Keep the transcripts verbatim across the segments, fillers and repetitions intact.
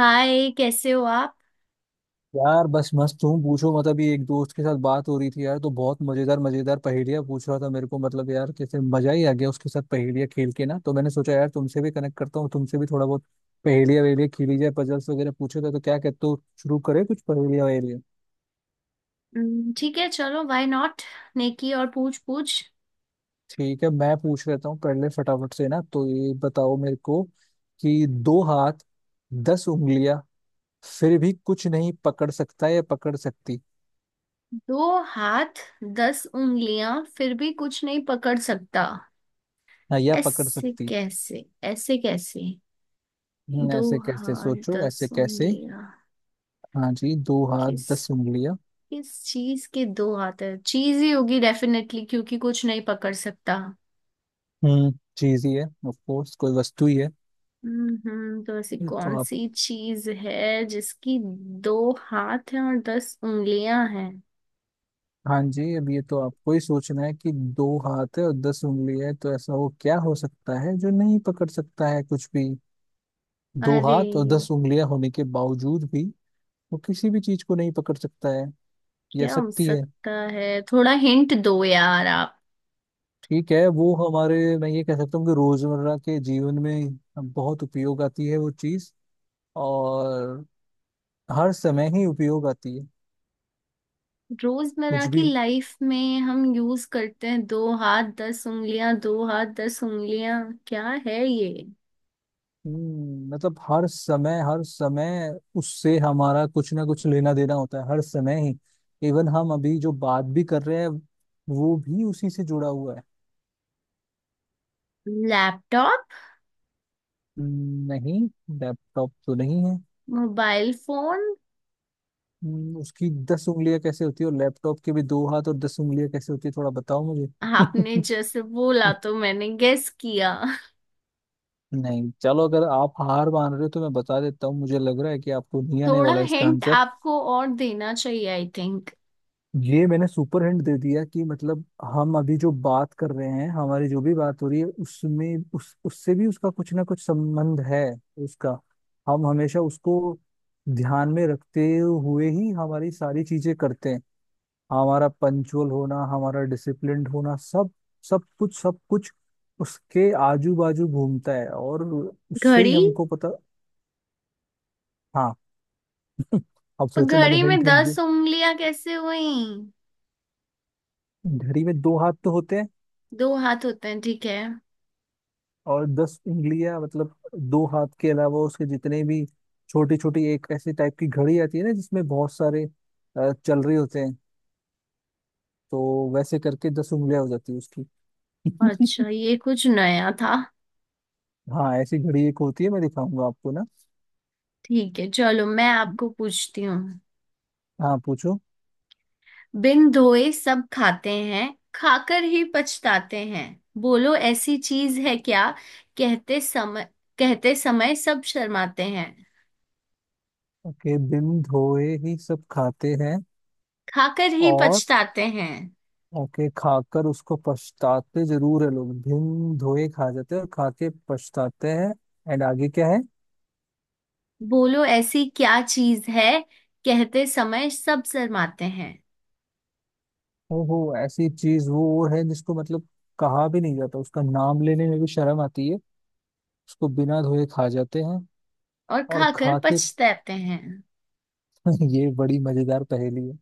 हाय, कैसे हो आप। यार बस मस्त, तुम पूछो। मतलब ये एक दोस्त के साथ बात हो रही थी यार, तो बहुत मजेदार मजेदार पहेलियां पूछ रहा था मेरे को। मतलब यार कैसे मजा ही आ गया उसके साथ पहेलियां खेल के ना, तो मैंने सोचा यार तुमसे भी कनेक्ट करता हूँ, तुमसे भी थोड़ा बहुत पहेलियां वहेलियां खेली जाए। पजल्स वगैरह पूछे थे, तो क्या कहते हो, शुरू करें कुछ पहेलियां वहेलियां। हम्म, ठीक है, चलो व्हाई नॉट। नेकी और पूछ पूछ। ठीक है, मैं पूछ लेता हूँ पहले फटाफट से ना, तो ये बताओ मेरे को कि दो हाथ, दस उंगलियां, फिर भी कुछ नहीं पकड़ सकता या पकड़ सकती। दो हाथ, दस उंगलियां, फिर भी कुछ नहीं पकड़ सकता। हाँ, या पकड़ ऐसे सकती। कैसे? ऐसे कैसे? हम्म, दो ऐसे कैसे हाथ सोचो, दस ऐसे कैसे। उंगलियां। हाँ जी, दो हाथ दस किस उंगलियां। किस चीज के दो हाथ है? चीज ही होगी डेफिनेटली, क्योंकि कुछ नहीं पकड़ सकता। हम्म। चीज ही है ऑफ कोर्स, कोई वस्तु ही है। हम्म हम्म, तो ऐसी ये तो कौन आप। सी चीज है जिसकी दो हाथ हैं और दस उंगलियां हैं? हाँ जी, अब ये तो आपको ही सोचना है कि दो हाथ है और दस उंगलियां है, तो ऐसा वो क्या हो सकता है जो नहीं पकड़ सकता है कुछ भी। दो अरे, हाथ और दस उंगलियां होने के बावजूद भी वो किसी भी चीज को नहीं पकड़ सकता है या क्या हो सकती है। सकता है? थोड़ा हिंट दो यार आप। ठीक है, वो हमारे, मैं ये कह सकता हूँ कि रोजमर्रा के जीवन में बहुत उपयोग आती है वो चीज, और हर समय ही उपयोग आती है रोजमर्रा कुछ की भी। लाइफ में हम यूज करते हैं? दो हाथ दस उंगलियां, दो हाथ दस उंगलियां, क्या है ये? हम्म, मतलब हर समय, हर समय उससे हमारा कुछ ना कुछ लेना देना होता है, हर समय ही। इवन हम अभी जो बात भी कर रहे हैं, वो भी उसी से जुड़ा हुआ है। लैपटॉप? हम्म, नहीं, लैपटॉप तो नहीं है। Mobile phone? हम्म, उसकी दस उंगलियां कैसे होती है, और लैपटॉप के भी दो हाथ और दस उंगलियां कैसे होती है, थोड़ा बताओ मुझे। आपने जैसे बोला तो मैंने गेस किया। नहीं चलो, अगर आप हार मान रहे हो तो मैं बता देता हूँ। मुझे लग रहा है कि आपको नहीं आने थोड़ा वाला इसका हिंट आंसर। आपको और देना चाहिए आई थिंक। ये मैंने सुपर हिंट दे दिया कि मतलब हम अभी जो बात कर रहे हैं, हमारी जो भी बात हो रही है, उसमें उस उससे भी, उसका कुछ ना कुछ संबंध है। उसका, हम हमेशा उसको ध्यान में रखते हुए ही हमारी सारी चीजें करते हैं। हमारा पंचुअल होना, हमारा डिसिप्लिन्ड होना, सब सब कुछ, सब कुछ उसके आजू बाजू घूमता है, और उससे ही घड़ी। हमको पता। हाँ। अब पर सोचो, मैंने घड़ी में हिंट हिंट दे। दस उंगलियां कैसे हुई? घड़ी में दो हाथ तो होते हैं, दो हाथ होते हैं ठीक है। और दस उंगलियां मतलब दो हाथ के अलावा उसके जितने भी छोटी छोटी, एक ऐसी टाइप की घड़ी आती है ना जिसमें बहुत सारे अ, चल रहे होते हैं, तो वैसे करके दस उंगलियां हो जाती है उसकी। अच्छा, ये कुछ नया था। हाँ, ऐसी घड़ी एक होती है, मैं दिखाऊंगा आपको ना। ठीक है चलो, मैं आपको पूछती हूँ। हाँ पूछो। बिन धोए सब खाते हैं, खाकर ही पछताते हैं। बोलो ऐसी चीज है क्या। कहते समय, कहते समय सब शर्माते हैं। ओके, बिन धोए ही सब खाते हैं, खाकर ही और पछताते हैं। ओके खाकर उसको पछताते जरूर है लोग। बिन धोए खा जाते हैं और खा के पछताते हैं। एंड आगे क्या है? बोलो ऐसी क्या चीज है। कहते समय सब शर्माते हैं। वो ऐसी चीज, वो वो है जिसको मतलब कहा भी नहीं जाता, उसका नाम लेने में भी शर्म आती है। उसको बिना धोए खा जाते हैं और और खाकर खा के। पछताते हैं। ये बड़ी मजेदार पहेली है।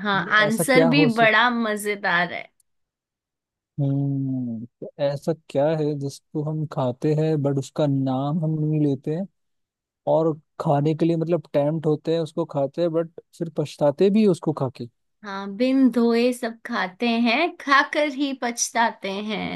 हाँ, ये ऐसा आंसर क्या भी हो सक। बड़ा मजेदार है। हम्म, तो ऐसा क्या है जिसको हम खाते हैं बट उसका नाम हम नहीं लेते हैं, और खाने के लिए मतलब टेम्प्ट होते हैं, उसको खाते हैं बट फिर पछताते भी हैं उसको खा के। हाँ, बिन धोए सब खाते हैं, खाकर ही पछताते हैं।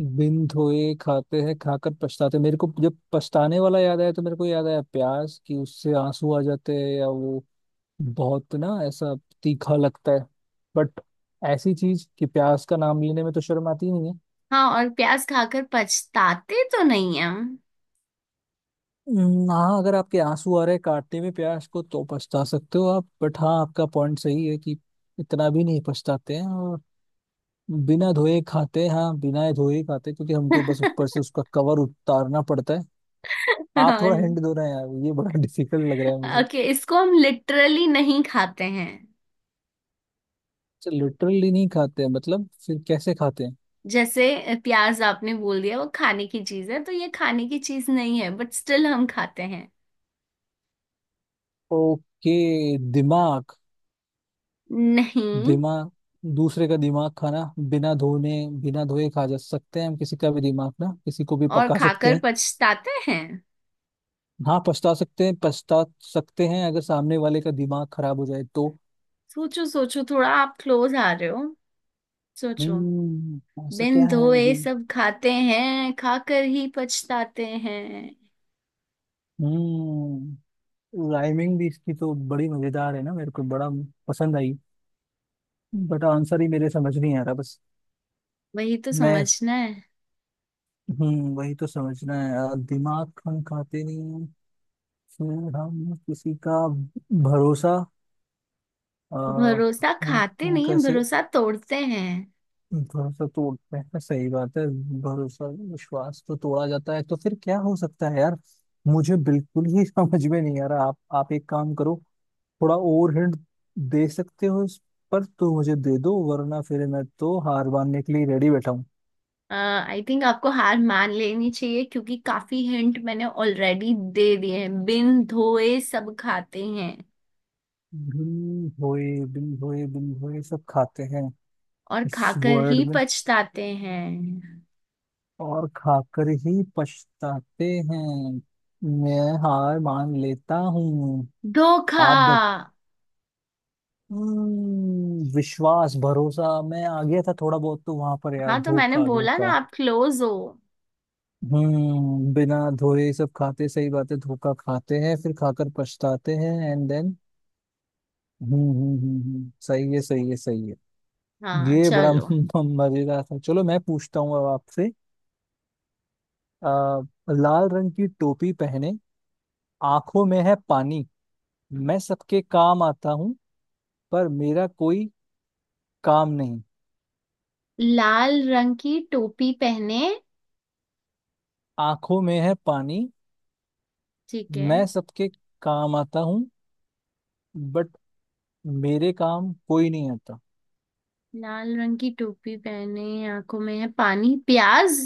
बिन धोए खाते हैं, खाकर पछताते, मेरे को जब पछताने वाला याद आया तो मेरे को याद आया प्याज, कि उससे आंसू आ जाते हैं, या वो बहुत ना ऐसा तीखा लगता है। बट ऐसी चीज, कि प्याज का नाम लेने में तो शर्म आती नहीं है। हाँ और प्याज खाकर पछताते तो नहीं हम। हम्म, हाँ, अगर आपके आंसू आ रहे हैं काटने में प्याज को तो पछता सकते हो आप। बट हाँ, आपका पॉइंट सही है, कि इतना भी नहीं पछताते हैं, और बिना धोए खाते हैं, हाँ बिना धोए खाते हैं, क्योंकि हमको बस ऊपर से उसका कवर उतारना पड़ता है। आप थोड़ा हिंट दो रहे हैं यार, ये बड़ा डिफिकल्ट लग रहा है मुझे। ओके, इसको हम लिटरली नहीं खाते हैं। अच्छा लिटरली नहीं खाते हैं, मतलब फिर कैसे खाते हैं? जैसे प्याज आपने बोल दिया, वो खाने की चीज है, तो ये खाने की चीज नहीं है, बट स्टिल हम खाते हैं। ओके। दिमाग। नहीं। दिमाग, दूसरे का दिमाग खाना। बिना धोने, बिना धोए खा जा सकते हैं हम किसी का भी दिमाग ना, किसी को भी और पका सकते खाकर हैं। पछताते हैं। हाँ, पछता सकते हैं, पछता सकते हैं अगर सामने वाले का दिमाग खराब हो जाए तो। सोचो सोचो, थोड़ा आप क्लोज आ रहे हो। सोचो। हम्म, ऐसा बिन क्या है धोए जो। सब खाते हैं, खाकर ही पछताते हैं। हम्म, राइमिंग भी इसकी तो बड़ी मजेदार है ना, मेरे को बड़ा पसंद आई। बट आंसर ही मेरे समझ नहीं आ रहा बस। वही तो मैं। समझना है। हम्म, वही तो समझना है यार। दिमाग हम खाते नहीं हैं, फिर हम किसी का भरोसा। आ, भरोसा वो, खाते वो नहीं, कैसे? भरोसा तोड़ते हैं। भरोसा तोड़ते हैं, सही बात है। भरोसा, विश्वास तो तोड़ा जाता है, तो फिर क्या हो सकता है यार? मुझे बिल्कुल ही समझ में नहीं आ रहा। आप आप एक काम करो, थोड़ा और हिंट दे सकते हो इस पर तो मुझे दे दो, वरना फिर मैं तो हार मानने के लिए रेडी बैठा हूँ। आई थिंक आपको हार मान लेनी चाहिए, क्योंकि काफी हिंट मैंने ऑलरेडी दे दिए हैं। बिन धोए सब खाते हैं बिन भोए बिन भोए बिन भोए सब खाते हैं, और इस खाकर वर्ड ही में। पछताते हैं। और खाकर ही पछताते हैं। मैं हार मान लेता हूँ। धोखा। आप बत। हम्म, विश्वास भरोसा मैं आ गया था थोड़ा बहुत, तो वहां पर यार, हाँ, तो मैंने धोखा बोला ना धोखा। आप क्लोज हो। हम्म, बिना धोए सब खाते, सही बात है, धोखा खाते हैं, फिर खाकर पछताते हैं, एंड देन हम्म हम्म हम्म हम्म, सही है, सही है, सही है। हाँ ये बड़ा चलो। मजेदार था। चलो मैं पूछता हूँ अब आपसे। आ, लाल रंग की टोपी पहने, आंखों में है पानी, मैं सबके काम आता हूँ, पर मेरा कोई काम नहीं। लाल रंग की टोपी पहने। आंखों में है पानी, ठीक है। मैं सबके काम आता हूँ, बट मेरे काम कोई नहीं आता। लाल रंग की टोपी पहने, आंखों में है पानी, प्याज।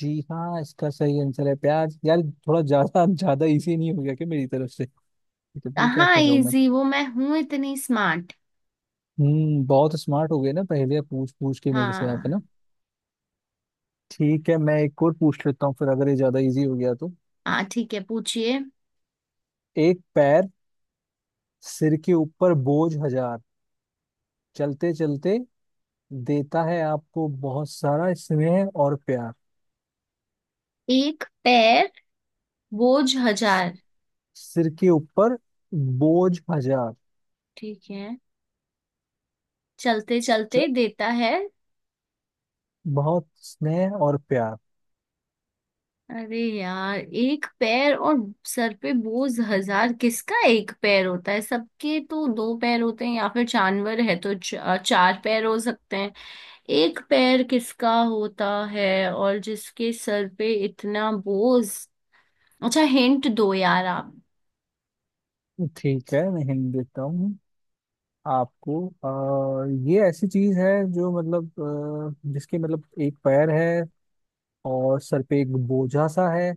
जी हाँ, इसका सही आंसर है प्याज। यार थोड़ा ज्यादा ज्यादा इजी नहीं हो गया क्या मेरी तरफ से? तो ये क्या हाँ, कर रहा हूँ मैं। इजी वो मैं हूं इतनी स्मार्ट। हम्म, बहुत स्मार्ट हो गए ना, पहले पूछ पूछ के मेरे से, आप है हाँ। ना। ठीक है, मैं एक और पूछ लेता हूँ, फिर अगर ये ज्यादा इजी हो गया तो। हाँ ठीक है, पूछिए। एक पैर, सिर के ऊपर बोझ हजार, चलते चलते देता है आपको बहुत सारा स्नेह और प्यार। एक पैर, बोझ स- हजार। सिर के ऊपर बोझ हजार। ठीक है। चलते च- चलते देता है। बहुत स्नेह और प्यार। अरे यार, एक पैर और सर पे बोझ हजार। किसका एक पैर होता है? सबके तो दो पैर होते हैं, या फिर जानवर है तो च- चार पैर हो सकते हैं। एक पैर किसका होता है और जिसके सर पे इतना बोझ? अच्छा हिंट दो यार आप। ठीक है, मैं हिंट देता हूँ आपको। आ, ये ऐसी चीज है जो मतलब अ, जिसके मतलब एक पैर है, और सर पे एक बोझा सा है,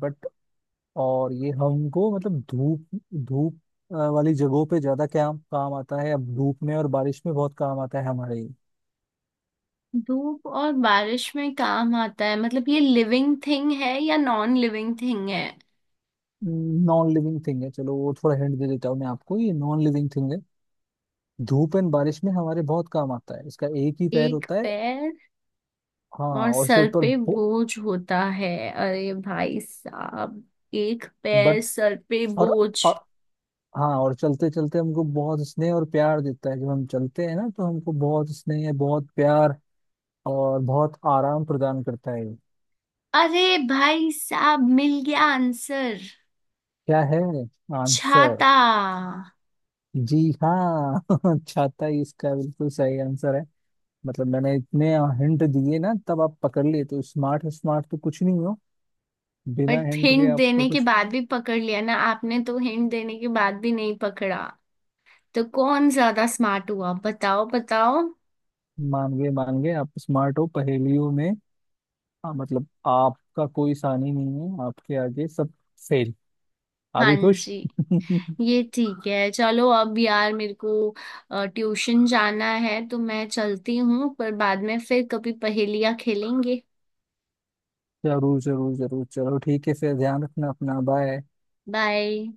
बट और ये हमको मतलब धूप, धूप अ, वाली जगहों पे ज्यादा क्या काम आता है, अब धूप में और बारिश में बहुत काम आता है हमारे। धूप और बारिश में काम आता है, मतलब ये लिविंग थिंग है या नॉन लिविंग थिंग है? नॉन लिविंग थिंग है, चलो वो थोड़ा हिंट दे देता हूँ मैं आपको, ये नॉन लिविंग थिंग है। धूप एंड बारिश में हमारे बहुत काम आता है। इसका एक ही पैर एक होता है। पैर हाँ। और और सिर सर पर, पे बोझ होता है, अरे भाई साहब। एक बट पैर, सर पे और, बोझ, और हाँ और चलते चलते हमको बहुत स्नेह और प्यार देता है। जब हम चलते हैं ना तो हमको बहुत स्नेह, बहुत प्यार और बहुत आराम प्रदान करता है। अरे भाई साहब, मिल गया आंसर। क्या है आंसर? छाता। जी हाँ। छाता ही इसका बिल्कुल सही आंसर है। मतलब मैंने इतने हिंट दिए ना तब आप पकड़ लिए, तो स्मार्ट स्मार्ट तो कुछ नहीं हो, बिना बट हिंट के हिंट आपका देने के कुछ। बाद भी पकड़ लिया ना आपने, तो हिंट देने के बाद भी नहीं पकड़ा, तो कौन ज्यादा स्मार्ट हुआ? बताओ बताओ। मान गए मान गए, आप स्मार्ट हो पहेलियों में। हाँ, मतलब आपका कोई सानी नहीं है, आपके आगे सब फेल। आप हाँ भी खुश। जी, ये ठीक है चलो। अब यार मेरे को अ, ट्यूशन जाना है, तो मैं चलती हूँ, पर बाद में फिर कभी पहेलियाँ खेलेंगे। जरूर जरूर जरूर, चलो ठीक है फिर, ध्यान रखना अपना, बाय। बाय।